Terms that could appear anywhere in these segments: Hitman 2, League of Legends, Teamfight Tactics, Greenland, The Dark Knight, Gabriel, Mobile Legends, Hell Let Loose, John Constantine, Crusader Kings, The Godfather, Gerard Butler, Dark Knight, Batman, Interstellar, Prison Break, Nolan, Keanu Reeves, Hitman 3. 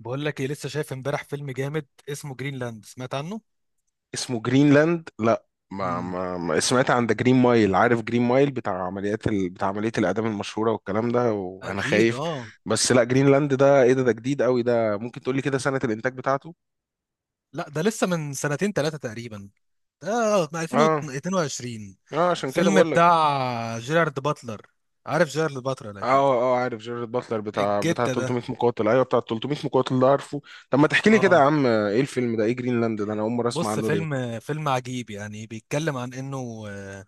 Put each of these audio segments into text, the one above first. بقول لك ايه، لسه شايف امبارح فيلم جامد اسمه جرينلاند؟ سمعت عنه؟ اسمه جرينلاند، لا، ما مم. ما ما سمعت عن ده. جرين مايل، عارف جرين مايل، بتاع عملية الإعدام المشهورة والكلام ده، وأنا اكيد، خايف. اه. بس لا، جرينلاند ده إيه؟ ده جديد قوي، ده ممكن تقولي كده سنة الإنتاج بتاعته؟ لا، ده لسه من سنتين ثلاثه تقريبا. ده من اه، 2022. اه، عشان كده فيلم بقول لك. بتاع جيرارد باتلر. عارف جيرارد باتلر اكيد. اه، اه، عارف جيرارد باتلر بتاع الجتة ده. 300 مقاتل، ايوه بتاع 300 مقاتل ده، عارفه. طب ما تحكي لي كده يا اه، عم، ايه الفيلم ده، ايه جرينلاند ده، انا اول مره اسمع بص. عنه، ليه؟ فيلم عجيب يعني، بيتكلم عن انه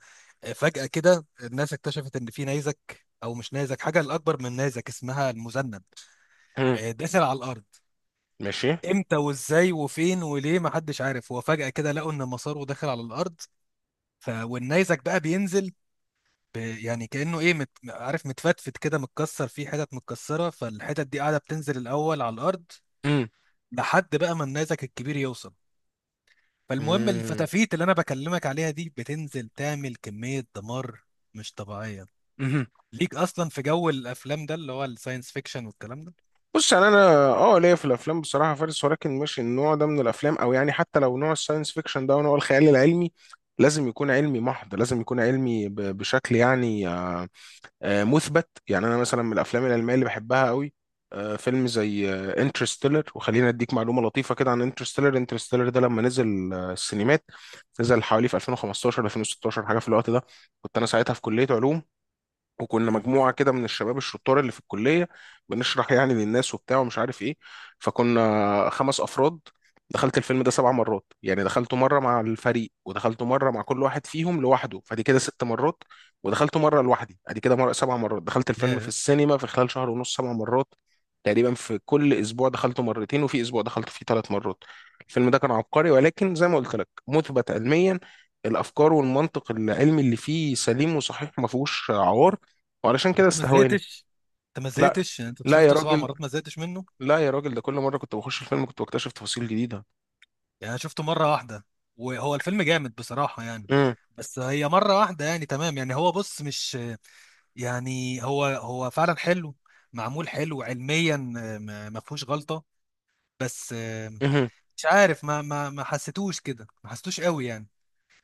فجأة كده الناس اكتشفت ان في نيزك، او مش نيزك، حاجة الاكبر من نيزك اسمها المذنب، مم. داخل على الارض. ماشي. امتى وازاي وفين وليه محدش عارف. هو فجأة كده لقوا ان مساره داخل على الارض. والنيزك بقى بينزل. يعني كأنه ايه، عارف، متفتفت كده، متكسر، فيه حتت متكسرة. فالحتت دي قاعدة بتنزل الاول على الارض، مم. لحد بقى ما النيزك الكبير يوصل. فالمهم الفتافيت اللي انا بكلمك عليها دي بتنزل تعمل كمية دمار مش طبيعية. مم. ليك اصلا في جو الافلام ده، اللي هو الساينس فيكشن والكلام ده. بص، يعني انا، اه ليا في الافلام بصراحه فارس، ولكن مش النوع ده من الافلام، او يعني حتى لو نوع الساينس فيكشن ده ونوع الخيال العلمي، لازم يكون علمي محض، لازم يكون علمي بشكل، يعني، مثبت. يعني انا مثلا من الافلام العلميه اللي بحبها قوي، فيلم زي انترستيلر، وخلينا اديك معلومه لطيفه كده عن انترستيلر. انترستيلر ده لما نزل السينمات، نزل حوالي في 2015 2016 حاجه في الوقت ده. كنت انا ساعتها في كليه علوم، وكنا امم. مجموعه كده من الشباب الشطار اللي في الكليه، بنشرح يعني للناس وبتاع ومش عارف ايه. فكنا 5 افراد. دخلت الفيلم ده 7 مرات، يعني دخلته مره مع الفريق، ودخلته مره مع كل واحد فيهم لوحده، فدي كده 6 مرات. ودخلته مره لوحدي، ادي كده مرة 7 مرات، دخلت الفيلم في ياه. السينما في خلال شهر ونص 7 مرات. تقريبا في كل اسبوع دخلته مرتين، وفي اسبوع دخلت فيه 3 مرات. الفيلم ده كان عبقري، ولكن زي ما قلت لك مثبت علميا. الافكار والمنطق العلمي اللي فيه سليم وصحيح، ما فيهوش عوار، وعلشان طب كده انت ما استهواني. زهقتش؟ لا. يعني انت لا يا شفته سبع راجل. مرات ما زهقتش منه؟ لا يا راجل، ده كل مرة كنت بخش الفيلم كنت بكتشف تفاصيل جديدة. يعني انا شفته مره واحده، وهو الفيلم جامد بصراحه يعني. امم. بس هي مره واحده يعني، تمام يعني. هو، بص، مش يعني، هو فعلا حلو، معمول حلو علميا، ما فيهوش غلطه. بس امم. مش عارف، ما حسيتوش كده، ما حسيتوش قوي يعني.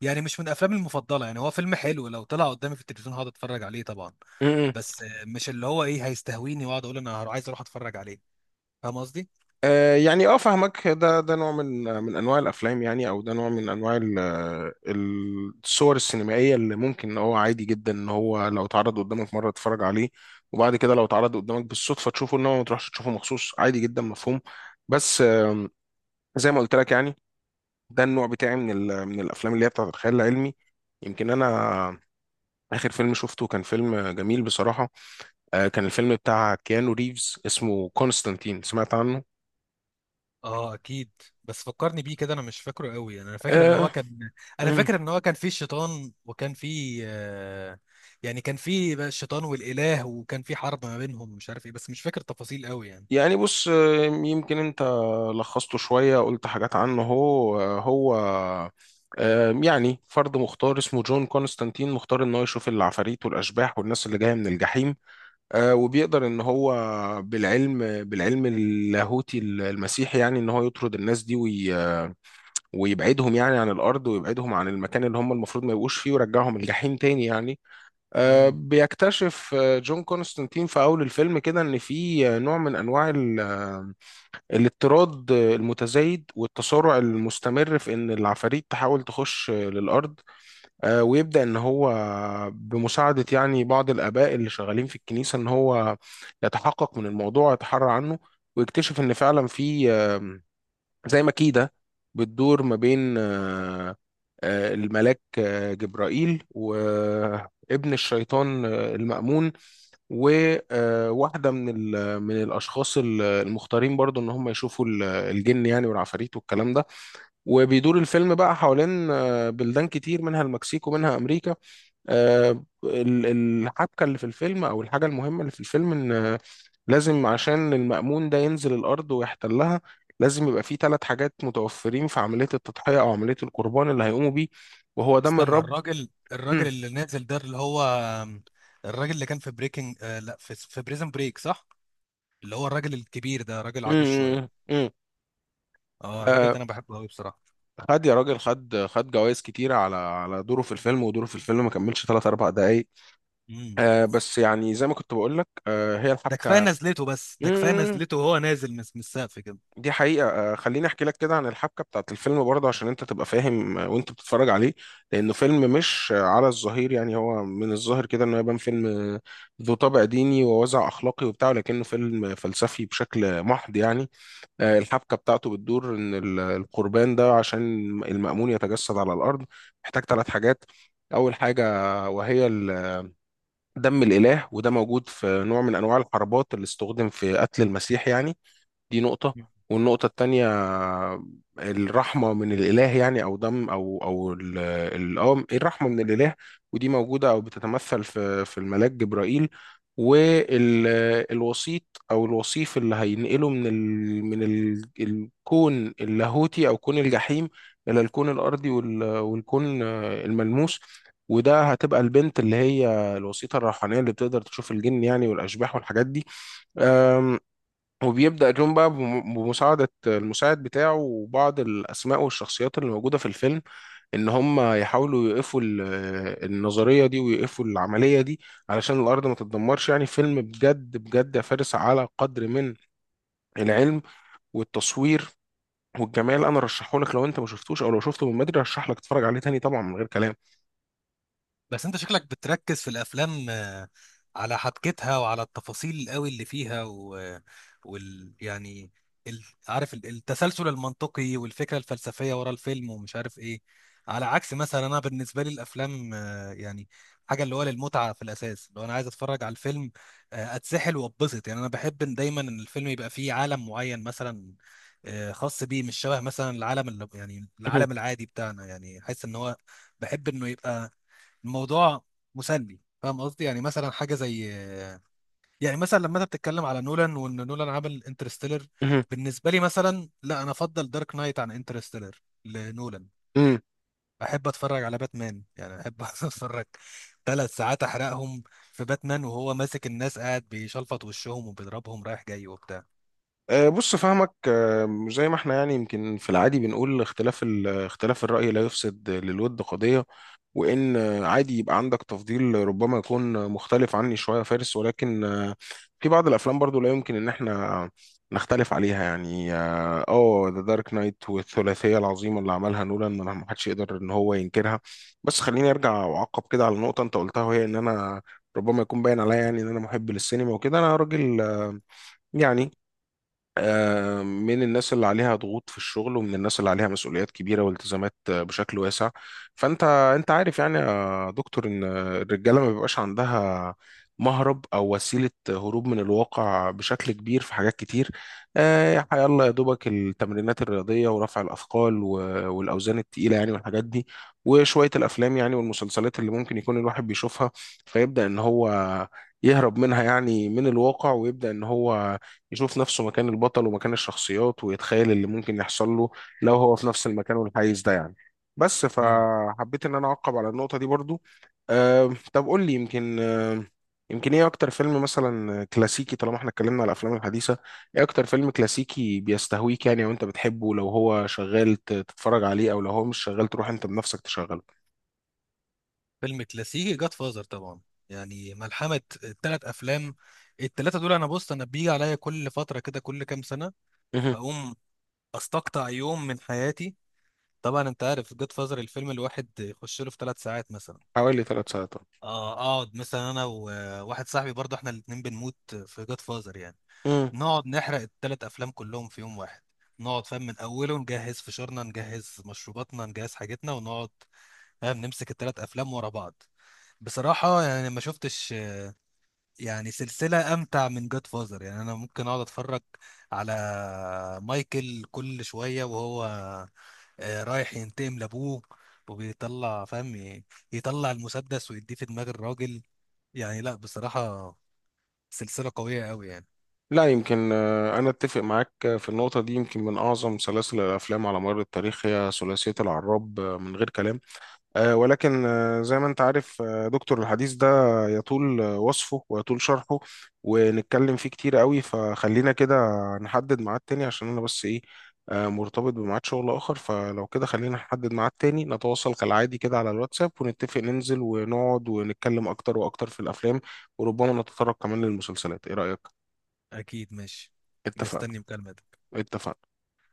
يعني مش من افلامي المفضله يعني، هو فيلم حلو لو طلع قدامي في التلفزيون هقعد اتفرج عليه طبعا. امم. بس مش اللي هو ايه هيستهويني واقعد اقول انا عايز اروح اتفرج عليه. فاهم قصدي؟ آه، يعني، اه، فاهمك. ده نوع من انواع الافلام يعني، او ده نوع من انواع الصور السينمائيه اللي ممكن ان هو عادي جدا ان هو لو اتعرض قدامك مره تتفرج عليه، وبعد كده لو اتعرض قدامك بالصدفه تشوفه، انما ما تروحش تشوفه مخصوص، عادي جدا، مفهوم. بس، زي ما قلت لك يعني، ده النوع بتاعي من الافلام اللي هي بتاعت الخيال العلمي. يمكن انا آخر فيلم شفته كان فيلم جميل بصراحة. كان الفيلم بتاع كيانو ريفز اسمه كونستانتين، سمعت عنه؟ اه اكيد. بس فكرني بيه كده، انا مش فاكره قوي يعني. آه. انا مم. فاكر ان هو كان فيه شيطان، وكان فيه، يعني كان فيه بقى الشيطان والاله، وكان فيه حرب ما بينهم ومش عارف ايه، بس مش فاكر تفاصيل قوي يعني. يعني بص، يمكن أنت لخصته شوية، قلت حاجات عنه. هو هو يعني فرد مختار اسمه جون كونستانتين، مختار ان هو يشوف العفاريت والاشباح والناس اللي جايه من الجحيم. وبيقدر ان هو بالعلم، بالعلم اللاهوتي المسيحي يعني، ان هو يطرد الناس دي ويبعدهم يعني عن الأرض، ويبعدهم عن المكان اللي هم المفروض ما يبقوش فيه، ويرجعهم الجحيم تاني يعني. امم. بيكتشف جون كونستانتين في أول الفيلم كده إن في نوع من أنواع الاضطراد المتزايد والتسارع المستمر في إن العفاريت تحاول تخش للأرض. ويبدأ إن هو بمساعدة يعني بعض الآباء اللي شغالين في الكنيسة، إن هو يتحقق من الموضوع ويتحرى عنه، ويكتشف إن فعلا في زي ما كيدة بتدور ما بين الملاك جبرائيل وابن الشيطان المأمون، وواحدة من الأشخاص المختارين برضو إن هم يشوفوا الجن يعني، والعفاريت، والكلام ده. وبيدور الفيلم بقى حوالين بلدان كتير، منها المكسيك ومنها أمريكا. آه، ال- الحبكة اللي في الفيلم، أو الحاجة المهمة اللي في الفيلم، إن لازم عشان المأمون ده ينزل الأرض ويحتلها، لازم يبقى فيه 3 حاجات متوفرين في عملية التضحية أو عملية القربان اللي هيقوموا بيه، وهو دم استنى، الرب. الراجل مم. اللي نازل ده، اللي هو الراجل اللي كان في بريكنج، لا، في بريزن بريك، صح؟ اللي هو الراجل الكبير ده، راجل عجوز شويه. مم. مم. اه الراجل آه، ده انا بحبه قوي بصراحه. خد يا راجل، خد خد جوائز كتيرة على دوره في الفيلم، ودوره في الفيلم ما كملش 3 4 دقايق. امم. بس يعني زي ما كنت بقول لك، هي ده كفايه نزلته بس ده كفايه الحبكة نزلته، وهو نازل من السقف كده. دي حقيقة، خليني أحكي لك كده عن الحبكة بتاعت الفيلم برضه عشان أنت تبقى فاهم وأنت بتتفرج عليه. لأنه فيلم مش على الظهير يعني، هو من الظاهر كده إنه يبان فيلم ذو طابع ديني ووازع أخلاقي وبتاع، لكنه فيلم فلسفي بشكل محض يعني. الحبكة بتاعته بتدور إن القربان ده عشان المأمون يتجسد على الأرض محتاج 3 حاجات. أول حاجة، وهي دم الإله، وده موجود في نوع من أنواع الحربات اللي استخدم في قتل المسيح يعني. دي نقطة. والنقطة التانية، الرحمة من الإله، يعني أو دم، أو إيه، الرحمة من الإله. ودي موجودة أو بتتمثل في الملاك جبرائيل. والوسيط أو الوصيف اللي هينقله من الكون اللاهوتي أو كون الجحيم إلى الكون الأرضي والكون الملموس. وده هتبقى البنت اللي هي الوسيطة الروحانية اللي بتقدر تشوف الجن يعني، والأشباح، والحاجات دي. وبيبدأ جون بقى بمساعدة المساعد بتاعه، وبعض الأسماء والشخصيات اللي موجودة في الفيلم، إن هم يحاولوا يوقفوا النظرية دي، ويوقفوا العملية دي علشان الأرض ما تتدمرش يعني. فيلم بجد بجد يا فارس، على قدر من العلم والتصوير والجمال، أنا رشحه لك، لو أنت ما شفتوش، أو لو شفته من بدري، رشح لك تتفرج عليه تاني طبعا، من غير كلام. بس انت شكلك بتركز في الافلام، على حبكتها وعلى التفاصيل قوي اللي فيها. يعني عارف، التسلسل المنطقي والفكره الفلسفيه ورا الفيلم ومش عارف ايه. على عكس مثلا، انا بالنسبه لي الافلام، يعني، حاجه اللي هو للمتعه في الاساس. لو انا عايز اتفرج على الفيلم، اتسحل واتبسط يعني. انا بحب إن دايما ان الفيلم يبقى فيه عالم معين مثلا، خاص بيه، مش شبه مثلا العالم اللي، يعني، العالم العادي بتاعنا. يعني حاسس ان هو، بحب انه يبقى الموضوع مسلي. فاهم قصدي؟ يعني مثلا حاجه زي، يعني مثلا لما انت بتتكلم على نولان وان نولان عمل انترستيلر. بالنسبه لي مثلا، لا، انا افضل دارك نايت عن انترستيلر لنولان. امم. احب اتفرج على باتمان يعني، احب اتفرج 3 ساعات، احرقهم في باتمان وهو ماسك الناس قاعد بيشلفط وشهم وبيضربهم رايح جاي وبتاع. بص فهمك، زي ما احنا يعني يمكن في العادي بنقول اختلاف اختلاف الرأي لا يفسد للود قضية. وان عادي يبقى عندك تفضيل ربما يكون مختلف عني شويه يا فارس، ولكن في بعض الافلام برضو لا يمكن ان احنا نختلف عليها يعني، اه، ذا دارك نايت والثلاثيه العظيمه اللي عملها نولان، ما حدش يقدر ان هو ينكرها. بس خليني ارجع واعقب كده على نقطه انت قلتها، وهي ان انا ربما يكون باين عليا يعني ان انا محب للسينما وكده، انا راجل، يعني، من الناس اللي عليها ضغوط في الشغل، ومن الناس اللي عليها مسؤوليات كبيرة والتزامات بشكل واسع. فأنت أنت عارف يعني يا دكتور إن الرجالة ما بيبقاش عندها مهرب أو وسيلة هروب من الواقع بشكل كبير في حاجات كتير. يلا يا دوبك التمرينات الرياضية، ورفع الأثقال، والأوزان التقيلة يعني، والحاجات دي، وشوية الأفلام يعني، والمسلسلات اللي ممكن يكون الواحد بيشوفها، فيبدأ إن هو يهرب منها يعني من الواقع، ويبدأ إن هو يشوف نفسه مكان البطل ومكان الشخصيات، ويتخيل اللي ممكن يحصل له لو هو في نفس المكان والحيز ده يعني. بس مم. فحبيت ان انا اعقب على النقطة دي برضو. طب قول لي، يمكن ايه اكتر فيلم مثلا كلاسيكي، طالما احنا اتكلمنا على الافلام الحديثة، ايه اكتر فيلم كلاسيكي بيستهويك يعني، او انت بتحبه لو هو شغال تتفرج عليه، او لو هو مش شغال تروح انت بنفسك تشغله؟ فيلم كلاسيكي، جاد فازر طبعا، يعني ملحمة التلات أفلام. التلاتة دول أنا، بص، أنا بيجي عليا كل فترة كده، كل كام سنة مهم. أقوم استقطع يوم من حياتي. طبعا انت عارف جود فازر الفيلم الواحد يخش له في 3 ساعات مثلا. حوالي 3 ساعات. اه اقعد مثلا انا وواحد صاحبي، برضه احنا الاتنين بنموت في جود فازر يعني. نقعد نحرق الثلاث افلام كلهم في يوم واحد. نقعد، فاهم، من اوله، نجهز فشارنا، نجهز مشروباتنا، نجهز حاجتنا، ونقعد، فاهم، نمسك الثلاث افلام ورا بعض. بصراحة يعني ما شفتش يعني سلسلة أمتع من جاد فازر يعني. أنا ممكن أقعد أتفرج على مايكل كل شوية وهو، رايح ينتقم لابوه، وبيطلع، فاهم، يطلع المسدس ويديه في دماغ الراجل. يعني لا بصراحة، سلسلة قوية قوي يعني. لا يمكن، أنا أتفق معاك في النقطة دي، يمكن من أعظم سلاسل الأفلام على مر التاريخ هي ثلاثية العراب، من غير كلام. ولكن زي ما أنت عارف دكتور، الحديث ده يطول وصفه، ويطول شرحه، ونتكلم فيه كتير قوي، فخلينا كده نحدد ميعاد تاني عشان أنا بس إيه، مرتبط بميعاد شغل آخر. فلو كده خلينا نحدد ميعاد تاني، نتواصل كالعادي كده على الواتساب، ونتفق ننزل ونقعد ونتكلم أكتر وأكتر في الأفلام، وربما نتطرق كمان للمسلسلات، إيه رأيك؟ اكيد ماشي. اتفقنا. مستني مكالمة. اتفقنا.